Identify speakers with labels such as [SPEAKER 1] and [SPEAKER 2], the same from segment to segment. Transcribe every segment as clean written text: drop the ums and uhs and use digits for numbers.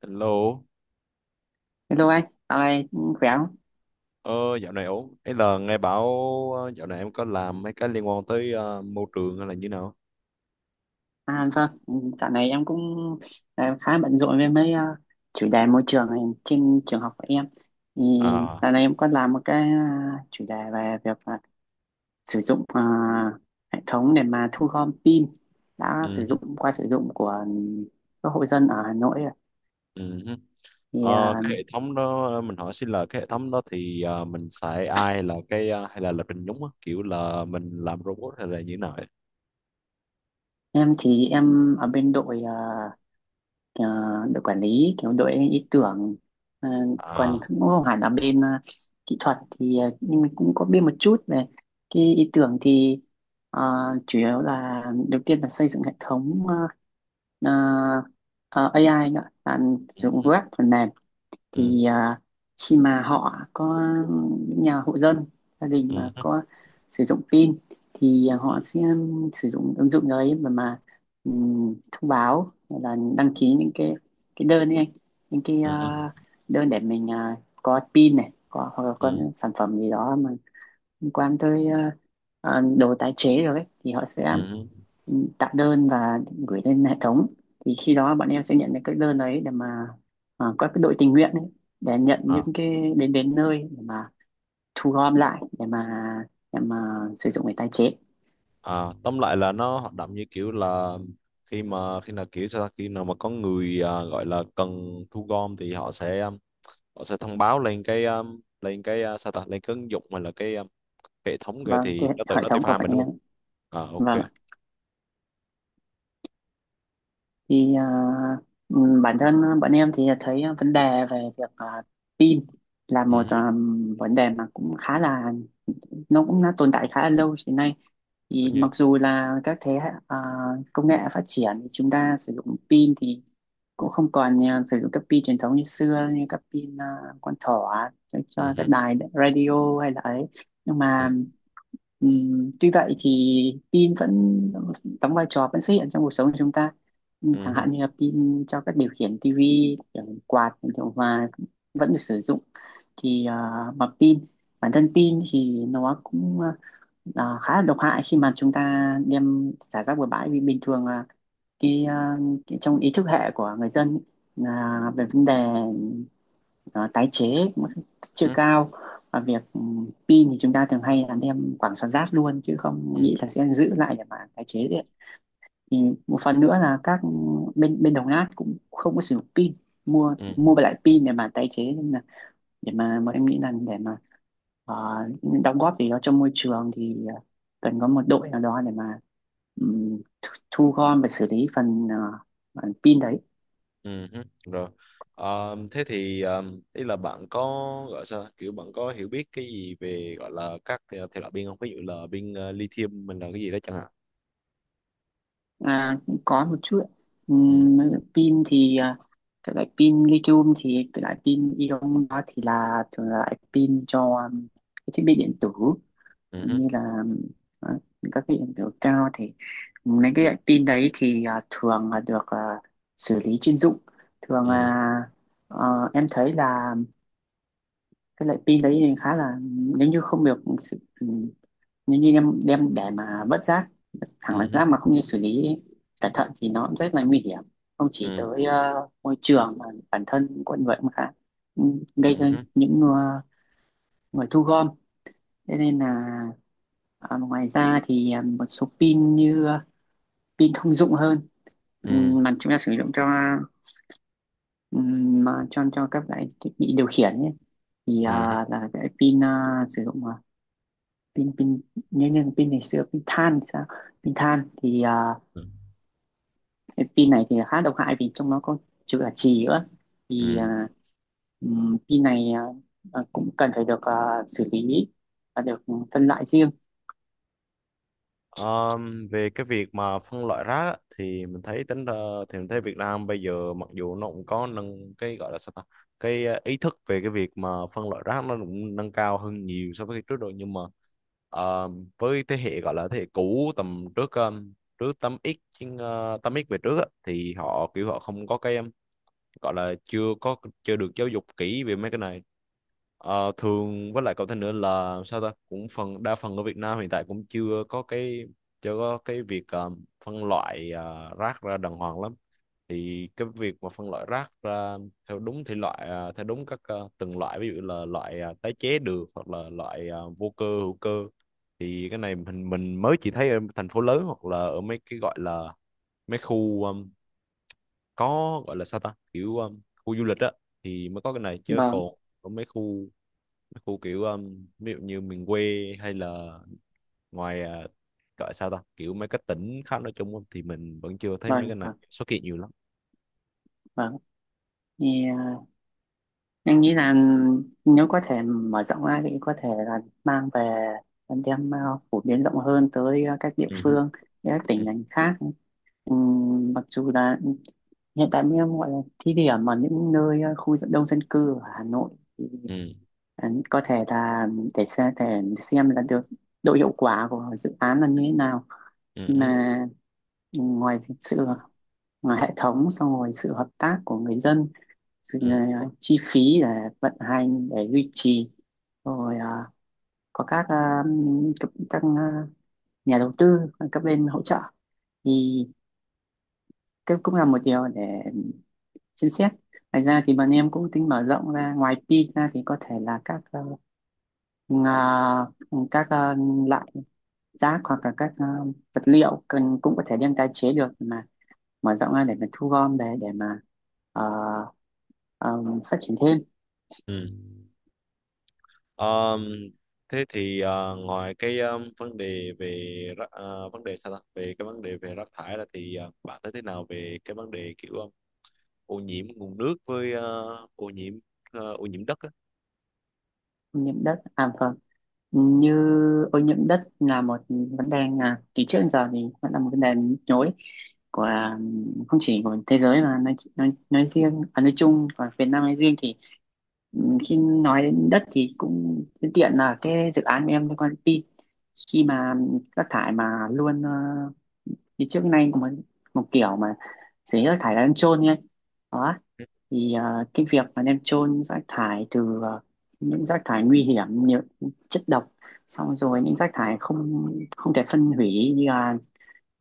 [SPEAKER 1] Hello,
[SPEAKER 2] Hello anh, dạo này cũng khỏe không?
[SPEAKER 1] ờ, dạo này ổn. Ấy là nghe bảo dạo này em có làm mấy cái liên quan tới môi trường hay là như nào?
[SPEAKER 2] À làm sao? Ừ, dạo này em cũng khá bận rộn với mấy chủ đề môi trường này trên trường học của em. Thì
[SPEAKER 1] À,
[SPEAKER 2] dạo này em có làm một cái chủ đề về việc sử dụng hệ thống để mà thu gom pin đã sử
[SPEAKER 1] ừ,
[SPEAKER 2] dụng qua sử dụng của các hộ dân ở Hà Nội.
[SPEAKER 1] ừ.
[SPEAKER 2] Thì
[SPEAKER 1] Ờ,
[SPEAKER 2] ờ,
[SPEAKER 1] cái hệ thống đó mình hỏi xin là cái hệ thống đó thì mình xài AI là hay là lập trình nhúng á, kiểu là mình làm robot hay là như nào ấy?
[SPEAKER 2] em thì em ở bên đội ờ, đội quản lý kiểu đội ý tưởng. Ờ, Còn
[SPEAKER 1] À,
[SPEAKER 2] cũng không hẳn là bên kỹ thuật thì nhưng mình cũng có biết một chút về cái ý tưởng. Thì ờ, chủ yếu là đầu tiên là xây dựng hệ thống ờ, AI nữa, là
[SPEAKER 1] ừ,
[SPEAKER 2] sử dụng
[SPEAKER 1] ừ,
[SPEAKER 2] web phần mềm.
[SPEAKER 1] ừ,
[SPEAKER 2] Thì à, khi mà họ có những nhà hộ dân gia đình
[SPEAKER 1] ừ,
[SPEAKER 2] mà
[SPEAKER 1] ừ,
[SPEAKER 2] có sử dụng pin thì họ sẽ sử dụng ứng dụng đấy mà thông báo hay là đăng ký những cái đơn đi anh, những cái
[SPEAKER 1] ừ,
[SPEAKER 2] đơn để mình à, có pin này, có hoặc là có
[SPEAKER 1] ừ,
[SPEAKER 2] những sản phẩm gì đó mà liên quan tới đồ tái chế rồi ấy, thì họ sẽ
[SPEAKER 1] ừ,
[SPEAKER 2] ừ, tạo đơn và gửi lên hệ thống. Thì khi đó bọn em sẽ nhận được các đơn đấy để mà à, có cái đội tình nguyện ấy để nhận
[SPEAKER 1] ừ.
[SPEAKER 2] những cái đến đến nơi để mà thu gom lại để mà sử dụng để tái chế.
[SPEAKER 1] À, tóm lại là nó hoạt động như kiểu là khi nào kiểu sao ta? Khi nào mà có người gọi là cần thu gom thì họ sẽ thông báo lên cái sao ta lên cái ứng dụng mà là cái hệ thống kìa
[SPEAKER 2] Vâng, cái
[SPEAKER 1] thì nó
[SPEAKER 2] hệ
[SPEAKER 1] nó tự
[SPEAKER 2] thống của
[SPEAKER 1] pha
[SPEAKER 2] bọn
[SPEAKER 1] mình đúng
[SPEAKER 2] em.
[SPEAKER 1] không? À,
[SPEAKER 2] Vâng,
[SPEAKER 1] ok.
[SPEAKER 2] thì à, ừ, bản thân bọn em thì thấy vấn đề về việc à, tin là
[SPEAKER 1] Ừ,
[SPEAKER 2] một
[SPEAKER 1] hứ,
[SPEAKER 2] à, vấn đề mà cũng khá là nó cũng đã tồn tại khá là lâu hiện nay.
[SPEAKER 1] tất
[SPEAKER 2] Thì mặc
[SPEAKER 1] nhiên.
[SPEAKER 2] dù là các thế hệ à, công nghệ phát triển thì chúng ta sử dụng pin thì cũng không còn à, sử dụng các pin truyền thống như xưa, như các pin à, con thỏ cho
[SPEAKER 1] Ừ, hứ,
[SPEAKER 2] các đài radio hay là ấy, nhưng
[SPEAKER 1] ừ,
[SPEAKER 2] mà tuy vậy thì pin vẫn đóng vai trò, vẫn xuất hiện trong cuộc sống của chúng ta.
[SPEAKER 1] ừ,
[SPEAKER 2] Chẳng
[SPEAKER 1] hứ,
[SPEAKER 2] hạn như là pin cho các điều khiển tivi, điều khiển quạt, điều khiển hòa vẫn được sử dụng. Thì à, mà pin, bản thân pin thì nó cũng khá là độc hại khi mà chúng ta đem xả rác bừa bãi. Vì bình thường là cái, cái trong ý thức hệ của người dân ý, là về vấn đề ờ, tái chế cũng chưa
[SPEAKER 1] ừ,
[SPEAKER 2] cao. Và việc ừ, pin thì chúng ta thường hay là đem quảng xả rác luôn chứ không
[SPEAKER 1] ừ,
[SPEAKER 2] nghĩ là sẽ giữ lại để mà tái chế đấy. Thì một phần nữa là các bên bên đồng nát cũng không có sử dụng pin, mua
[SPEAKER 1] ừ,
[SPEAKER 2] mua lại pin để mà tái chế nên là, để mà em nghĩ là để mà ờ, đóng góp gì đó cho môi trường thì cần có một đội nào đó để mà thu gom và xử lý phần phần pin đấy.
[SPEAKER 1] ừ, hứ. Rồi. Ờ, thế thì ý là bạn có gọi sao kiểu bạn có hiểu biết cái gì về gọi là các thể thể loại pin không? Ví dụ là pin lithium mình là cái gì đó chẳng
[SPEAKER 2] À, có một chút ạ.
[SPEAKER 1] hạn.
[SPEAKER 2] Ừm, pin thì cái loại pin lithium, thì cái loại pin ion đó thì là thường là loại pin cho cái thiết bị điện tử,
[SPEAKER 1] ừ,
[SPEAKER 2] như là ờ, các cái hiện tượng cao. Thì mấy cái loại pin đấy thì à, thường là được à, xử lý chuyên dụng. Thường
[SPEAKER 1] ừ,
[SPEAKER 2] là em thấy là cái loại pin đấy thì khá là, nếu như không được ừ, nếu như em đem để mà vứt rác, thẳng
[SPEAKER 1] ừ,
[SPEAKER 2] là
[SPEAKER 1] ừ,
[SPEAKER 2] rác mà không như xử lý cẩn thận, thì nó cũng rất là nguy hiểm, không chỉ
[SPEAKER 1] ừ,
[SPEAKER 2] tới môi trường mà bản thân con người cũng khá ừ, gây ra
[SPEAKER 1] ừ,
[SPEAKER 2] những người thu gom. Thế nên là à, ngoài ra thì à, một số pin như à, pin thông dụng hơn, mà chúng ta sử dụng cho mà cho các loại thiết bị điều khiển ấy, thì
[SPEAKER 1] ừ,
[SPEAKER 2] à, là cái pin à, sử dụng à, pin pin như như pin ngày xưa, pin than thì sao. Pin than thì à,
[SPEAKER 1] ừm.
[SPEAKER 2] cái pin này thì khá độc hại vì trong nó có chứa cả chì nữa. Thì à, pin này à, à, cũng cần phải được à, xử lý và được phân loại riêng.
[SPEAKER 1] Về cái việc mà phân loại rác á, thì mình thấy tính ra thì mình thấy Việt Nam bây giờ mặc dù nó cũng có nâng cái gọi là sao ta cái ý thức về cái việc mà phân loại rác nó cũng nâng cao hơn nhiều so với trước rồi, nhưng mà ờ, với thế hệ gọi là thế hệ cũ tầm trước trước 8X chứ, ờ, 8X về trước á, thì họ kiểu họ không có cái gọi là chưa có chưa được giáo dục kỹ về mấy cái này. Ờ, thường với lại cậu thêm nữa là sao ta cũng phần đa phần ở Việt Nam hiện tại cũng chưa có cái chưa có cái việc phân loại rác ra đàng hoàng lắm, thì cái việc mà phân loại rác ra theo đúng thể loại theo đúng các từng loại, ví dụ là loại tái chế được hoặc là loại vô cơ hữu cơ, thì cái này mình mới chỉ thấy ở thành phố lớn hoặc là ở mấy cái gọi là mấy khu có gọi là sao ta kiểu khu du lịch á thì mới có cái này, chứ còn
[SPEAKER 2] vâng
[SPEAKER 1] ở mấy khu kiểu ví dụ như miền quê hay là ngoài gọi là sao ta kiểu mấy cái tỉnh khác nói chung á, thì mình vẫn chưa thấy mấy
[SPEAKER 2] vâng
[SPEAKER 1] cái này
[SPEAKER 2] vâng
[SPEAKER 1] xuất hiện nhiều lắm.
[SPEAKER 2] vâng thì à, em nghĩ là nếu có thể mở rộng ra thì có thể là mang về, đem à, phổ biến rộng hơn tới à, các địa
[SPEAKER 1] Ừ hứ,
[SPEAKER 2] phương, các
[SPEAKER 1] ừ,
[SPEAKER 2] tỉnh thành khác. Mặc dù là hiện tại mới gọi là thí điểm ở những nơi đông dân cư ở Hà Nội. Thì
[SPEAKER 1] ừ,
[SPEAKER 2] có thể là để xem là được độ hiệu quả của dự án là như thế nào, khi
[SPEAKER 1] ừ,
[SPEAKER 2] mà ngoài sự ngoài hệ thống xong rồi sự hợp tác của người dân, sự,
[SPEAKER 1] ừ,
[SPEAKER 2] à, chi phí để vận hành để duy trì, rồi à, có các à, các, các à, nhà đầu tư, các bên hỗ trợ, thì cái cũng là một điều để xem xét. Ngoài ra thì bọn em cũng tính mở rộng ra ngoài pin ra thì có thể là các ngà- các loại rác hoặc là các vật liệu cần cũng có thể đem tái chế được mà, mở rộng ra để mà thu gom để mà ờ, ờ, phát triển thêm.
[SPEAKER 1] ừ. Ờm, thế thì ngoài cái vấn đề về vấn đề sao ta về cái vấn đề về rác thải ra thì bạn thấy thế nào về cái vấn đề kiểu ô nhiễm nguồn nước với ô nhiễm ô nhiễm đất á.
[SPEAKER 2] Ô nhiễm đất à, vâng. Như ô nhiễm đất là một vấn đề à, từ trước đến giờ thì vẫn là một vấn đề nhức nhối của à, không chỉ của thế giới mà nói riêng à, nói chung và Việt Nam nói riêng. Thì ừ, khi nói đến đất thì cũng tiện tiện là cái dự án của em liên quan đến pin. Khi mà rác thải mà luôn thì trước nay có một một kiểu mà xử lý rác thải là ăn chôn nhé. Thì à, cái việc mà đem chôn rác thải từ à, những rác thải nguy hiểm như chất độc, xong rồi những rác thải không không thể phân hủy như là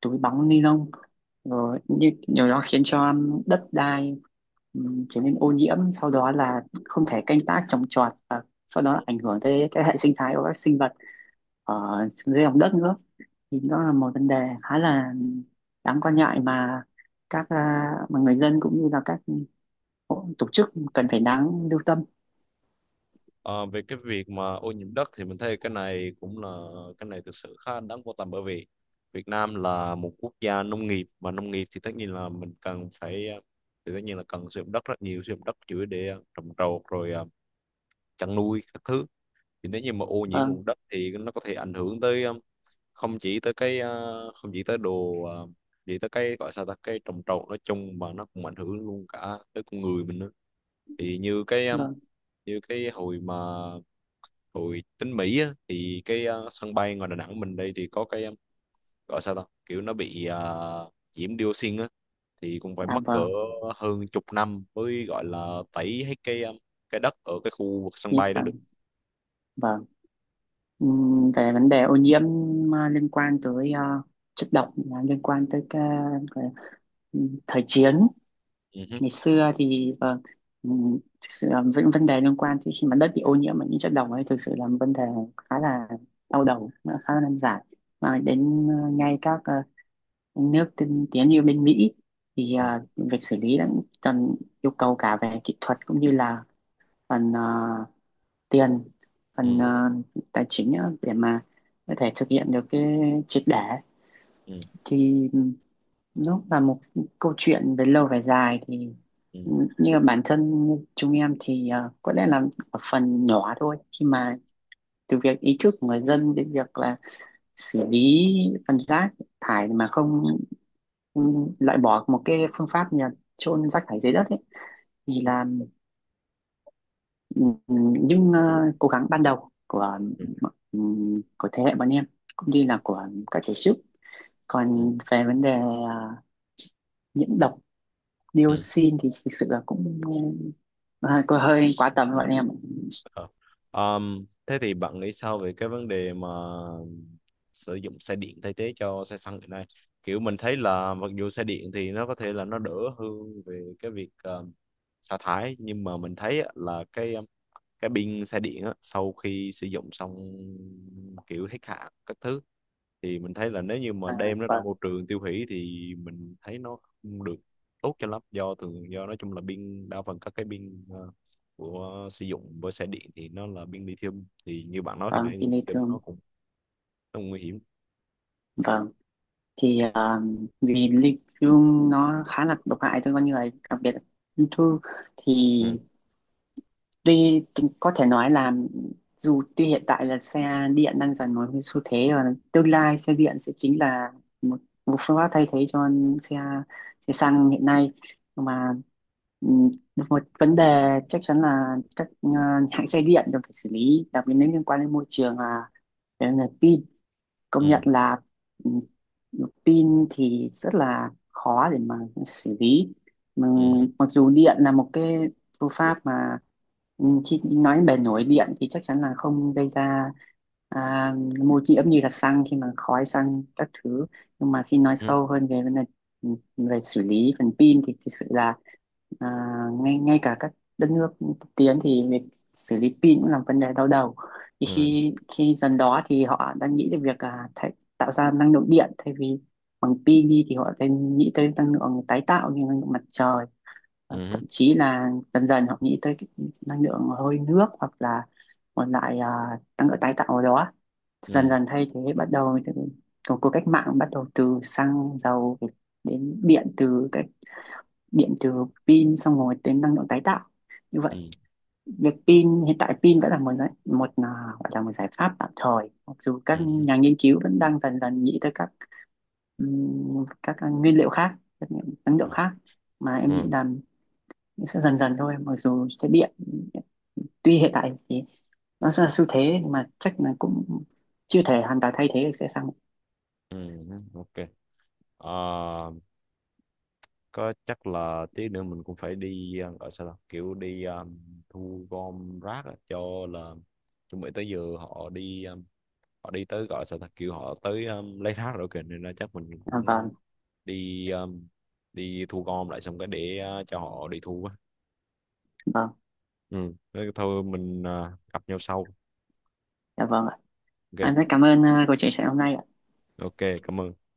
[SPEAKER 2] túi bóng ni lông, rồi như điều đó khiến cho đất đai trở nên ô nhiễm, sau đó là không thể canh tác trồng trọt, và sau đó là ảnh hưởng tới cái hệ sinh thái của các sinh vật ở dưới lòng đất nữa. Thì đó là một vấn đề khá là đáng quan ngại mà các à, mà người dân cũng như là các Ồ, tổ chức cần phải đáng lưu tâm.
[SPEAKER 1] Ờ, về cái việc mà ô nhiễm đất thì mình thấy cái này cũng là cái này thực sự khá đáng quan tâm, bởi vì Việt Nam là một quốc gia nông nghiệp, mà nông nghiệp thì tất nhiên là mình cần phải thì tất nhiên là cần sử dụng đất rất nhiều, sử dụng đất chủ yếu để trồng trọt rồi chăn nuôi các thứ, thì nếu như mà ô nhiễm
[SPEAKER 2] Vâng,
[SPEAKER 1] nguồn đất thì nó có thể ảnh hưởng tới không chỉ tới không chỉ tới chỉ tới cái gọi sao ta cái trồng trọt nói chung, mà nó cũng ảnh hưởng luôn cả tới con người mình nữa, thì
[SPEAKER 2] vâng.
[SPEAKER 1] như cái hồi mà hồi đến Mỹ á, thì cái sân bay ngoài Đà Nẵng mình đây thì có cái gọi sao ta kiểu nó bị nhiễm dioxin á, thì cũng phải
[SPEAKER 2] À
[SPEAKER 1] mất cỡ
[SPEAKER 2] vâng,
[SPEAKER 1] hơn chục năm mới gọi là tẩy hết cái đất ở cái khu vực sân
[SPEAKER 2] thế
[SPEAKER 1] bay đó được.
[SPEAKER 2] vâng, vâng. Về vấn đề ô nhiễm à, liên quan tới à, chất độc à, liên quan tới cái, thời chiến
[SPEAKER 1] Ừ, hứ,
[SPEAKER 2] ngày xưa thì vâng, thực sự là những vấn đề liên quan thì khi mà đất bị ô nhiễm bởi những chất độc ấy thực sự là một vấn đề khá là đau đầu, nó khá là nan giải, mà đến à, ngay các à, nước tiên tiến như bên Mỹ thì
[SPEAKER 1] ừ,
[SPEAKER 2] à, việc xử lý đã cần yêu cầu cả về kỹ thuật cũng như là phần tiền, phần
[SPEAKER 1] ừ,
[SPEAKER 2] tài chính á, để mà có thể thực hiện được cái triệt để.
[SPEAKER 1] ừ,
[SPEAKER 2] Thì nó là một câu chuyện về lâu về dài. Thì
[SPEAKER 1] ừ,
[SPEAKER 2] ừ, như bản thân chúng em thì có lẽ là ở phần nhỏ thôi, khi mà từ việc ý thức của người dân đến việc là xử lý phần rác thải mà không ừ, loại bỏ một cái phương pháp như là chôn rác thải dưới đất ấy, thì
[SPEAKER 1] ừ, ừ,
[SPEAKER 2] là ừm, những cố gắng ban đầu
[SPEAKER 1] ừ,
[SPEAKER 2] của thế hệ bọn em cũng như là của các tổ chức.
[SPEAKER 1] ừ.
[SPEAKER 2] Còn về vấn đề nhiễm độc
[SPEAKER 1] Ừ.
[SPEAKER 2] dioxin thì thực sự là cũng có hơi quá tầm với bọn em.
[SPEAKER 1] Ờ. Thế thì bạn nghĩ sao về cái vấn đề mà sử dụng xe điện thay thế cho xe xăng hiện nay? Kiểu mình thấy là mặc dù xe điện thì nó có thể là nó đỡ hơn về cái việc sa thải, nhưng mà mình thấy á, là cái pin xe điện á, sau khi sử dụng xong kiểu hết hạn các thứ, thì mình thấy là nếu như mà
[SPEAKER 2] À,
[SPEAKER 1] đem nó ra
[SPEAKER 2] vâng,
[SPEAKER 1] môi trường tiêu hủy thì mình thấy nó không được tốt cho lắm, do thường do nói chung là pin đa phần các cái pin của sử dụng với xe điện thì nó là pin lithium, thì như bạn nói khi nãy
[SPEAKER 2] vâng,
[SPEAKER 1] thì
[SPEAKER 2] thì lê,
[SPEAKER 1] lithium nó cũng nguy hiểm.
[SPEAKER 2] vâng, thì vì ly thương nó khá là độc hại cho con người, đặc biệt là ung thư. Thì
[SPEAKER 1] Ừ,
[SPEAKER 2] tuy có thể nói là dù tuy hiện tại là xe điện đang dần một cái xu thế, và tương lai xe điện sẽ chính là một, một phương pháp thay thế cho xe, xe xăng hiện nay. Nhưng mà ừm, một vấn đề chắc chắn là các hãng xe điện đều phải xử lý đặc biệt nếu liên quan đến môi trường, là về nguồn pin. Công nhận
[SPEAKER 1] ừ,
[SPEAKER 2] là ừ, pin thì rất là khó để mà xử lý mà,
[SPEAKER 1] ừ,
[SPEAKER 2] mặc dù điện là một cái phương pháp mà ừ, khi nói bề nổi điện thì chắc chắn là không gây ra à, ô nhiễm như là xăng khi mà khói xăng các thứ, nhưng mà khi nói
[SPEAKER 1] ừ,
[SPEAKER 2] sâu hơn về vấn đề ừ, về xử lý phần pin thì thực sự là à, ngay ngay cả các đất nước tiên tiến thì việc xử lý pin cũng là vấn đề đau đầu. Thì
[SPEAKER 1] ừ,
[SPEAKER 2] khi khi dần đó thì họ đang nghĩ đến việc à, thay, tạo ra năng lượng điện thay vì bằng pin đi, thì họ đang nghĩ tới năng lượng tái tạo như năng lượng mặt trời,
[SPEAKER 1] ừ,
[SPEAKER 2] và
[SPEAKER 1] ừ,
[SPEAKER 2] thậm chí là dần dần họ nghĩ tới cái năng lượng hơi nước hoặc là một loại à, năng lượng tái tạo ở đó, dần
[SPEAKER 1] ừ,
[SPEAKER 2] dần thay thế, bắt đầu từ của cuộc cách mạng bắt đầu từ xăng dầu đến điện từ cái điện từ pin, xong rồi đến năng lượng tái tạo. Như vậy
[SPEAKER 1] ừ,
[SPEAKER 2] việc pin, hiện tại pin vẫn là một giải, một à, gọi là một giải pháp tạm thời, mặc dù các
[SPEAKER 1] ừ, ừ,
[SPEAKER 2] nhà nghiên cứu vẫn đang dần dần nghĩ tới các nguyên liệu khác, các năng lượng khác, mà em nghĩ
[SPEAKER 1] ừ,
[SPEAKER 2] là sẽ dần dần thôi. Mặc dù xe điện tuy hiện tại thì nó sẽ là xu thế, nhưng mà chắc là cũng chưa thể hoàn toàn thay thế được xe xăng.
[SPEAKER 1] ừ, ừ, ok. Ờ, có chắc là tí nữa mình cũng phải đi gọi sao ta kiểu đi thu gom rác á, cho là chuẩn bị tới giờ họ đi họ đi tới gọi sao ta kiểu họ tới lấy rác rồi kìa, nên là chắc mình
[SPEAKER 2] À,
[SPEAKER 1] cũng
[SPEAKER 2] vâng,
[SPEAKER 1] đi đi thu gom lại xong cái để cho họ đi thu á.
[SPEAKER 2] vâng,
[SPEAKER 1] Ừ, thế thôi mình gặp nhau sau.
[SPEAKER 2] dạ vâng ạ. Em rất
[SPEAKER 1] Ok.
[SPEAKER 2] cảm ơn cuộc chia sẻ hôm nay ạ.
[SPEAKER 1] Ok, cảm ơn.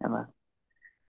[SPEAKER 2] Dạ vâng.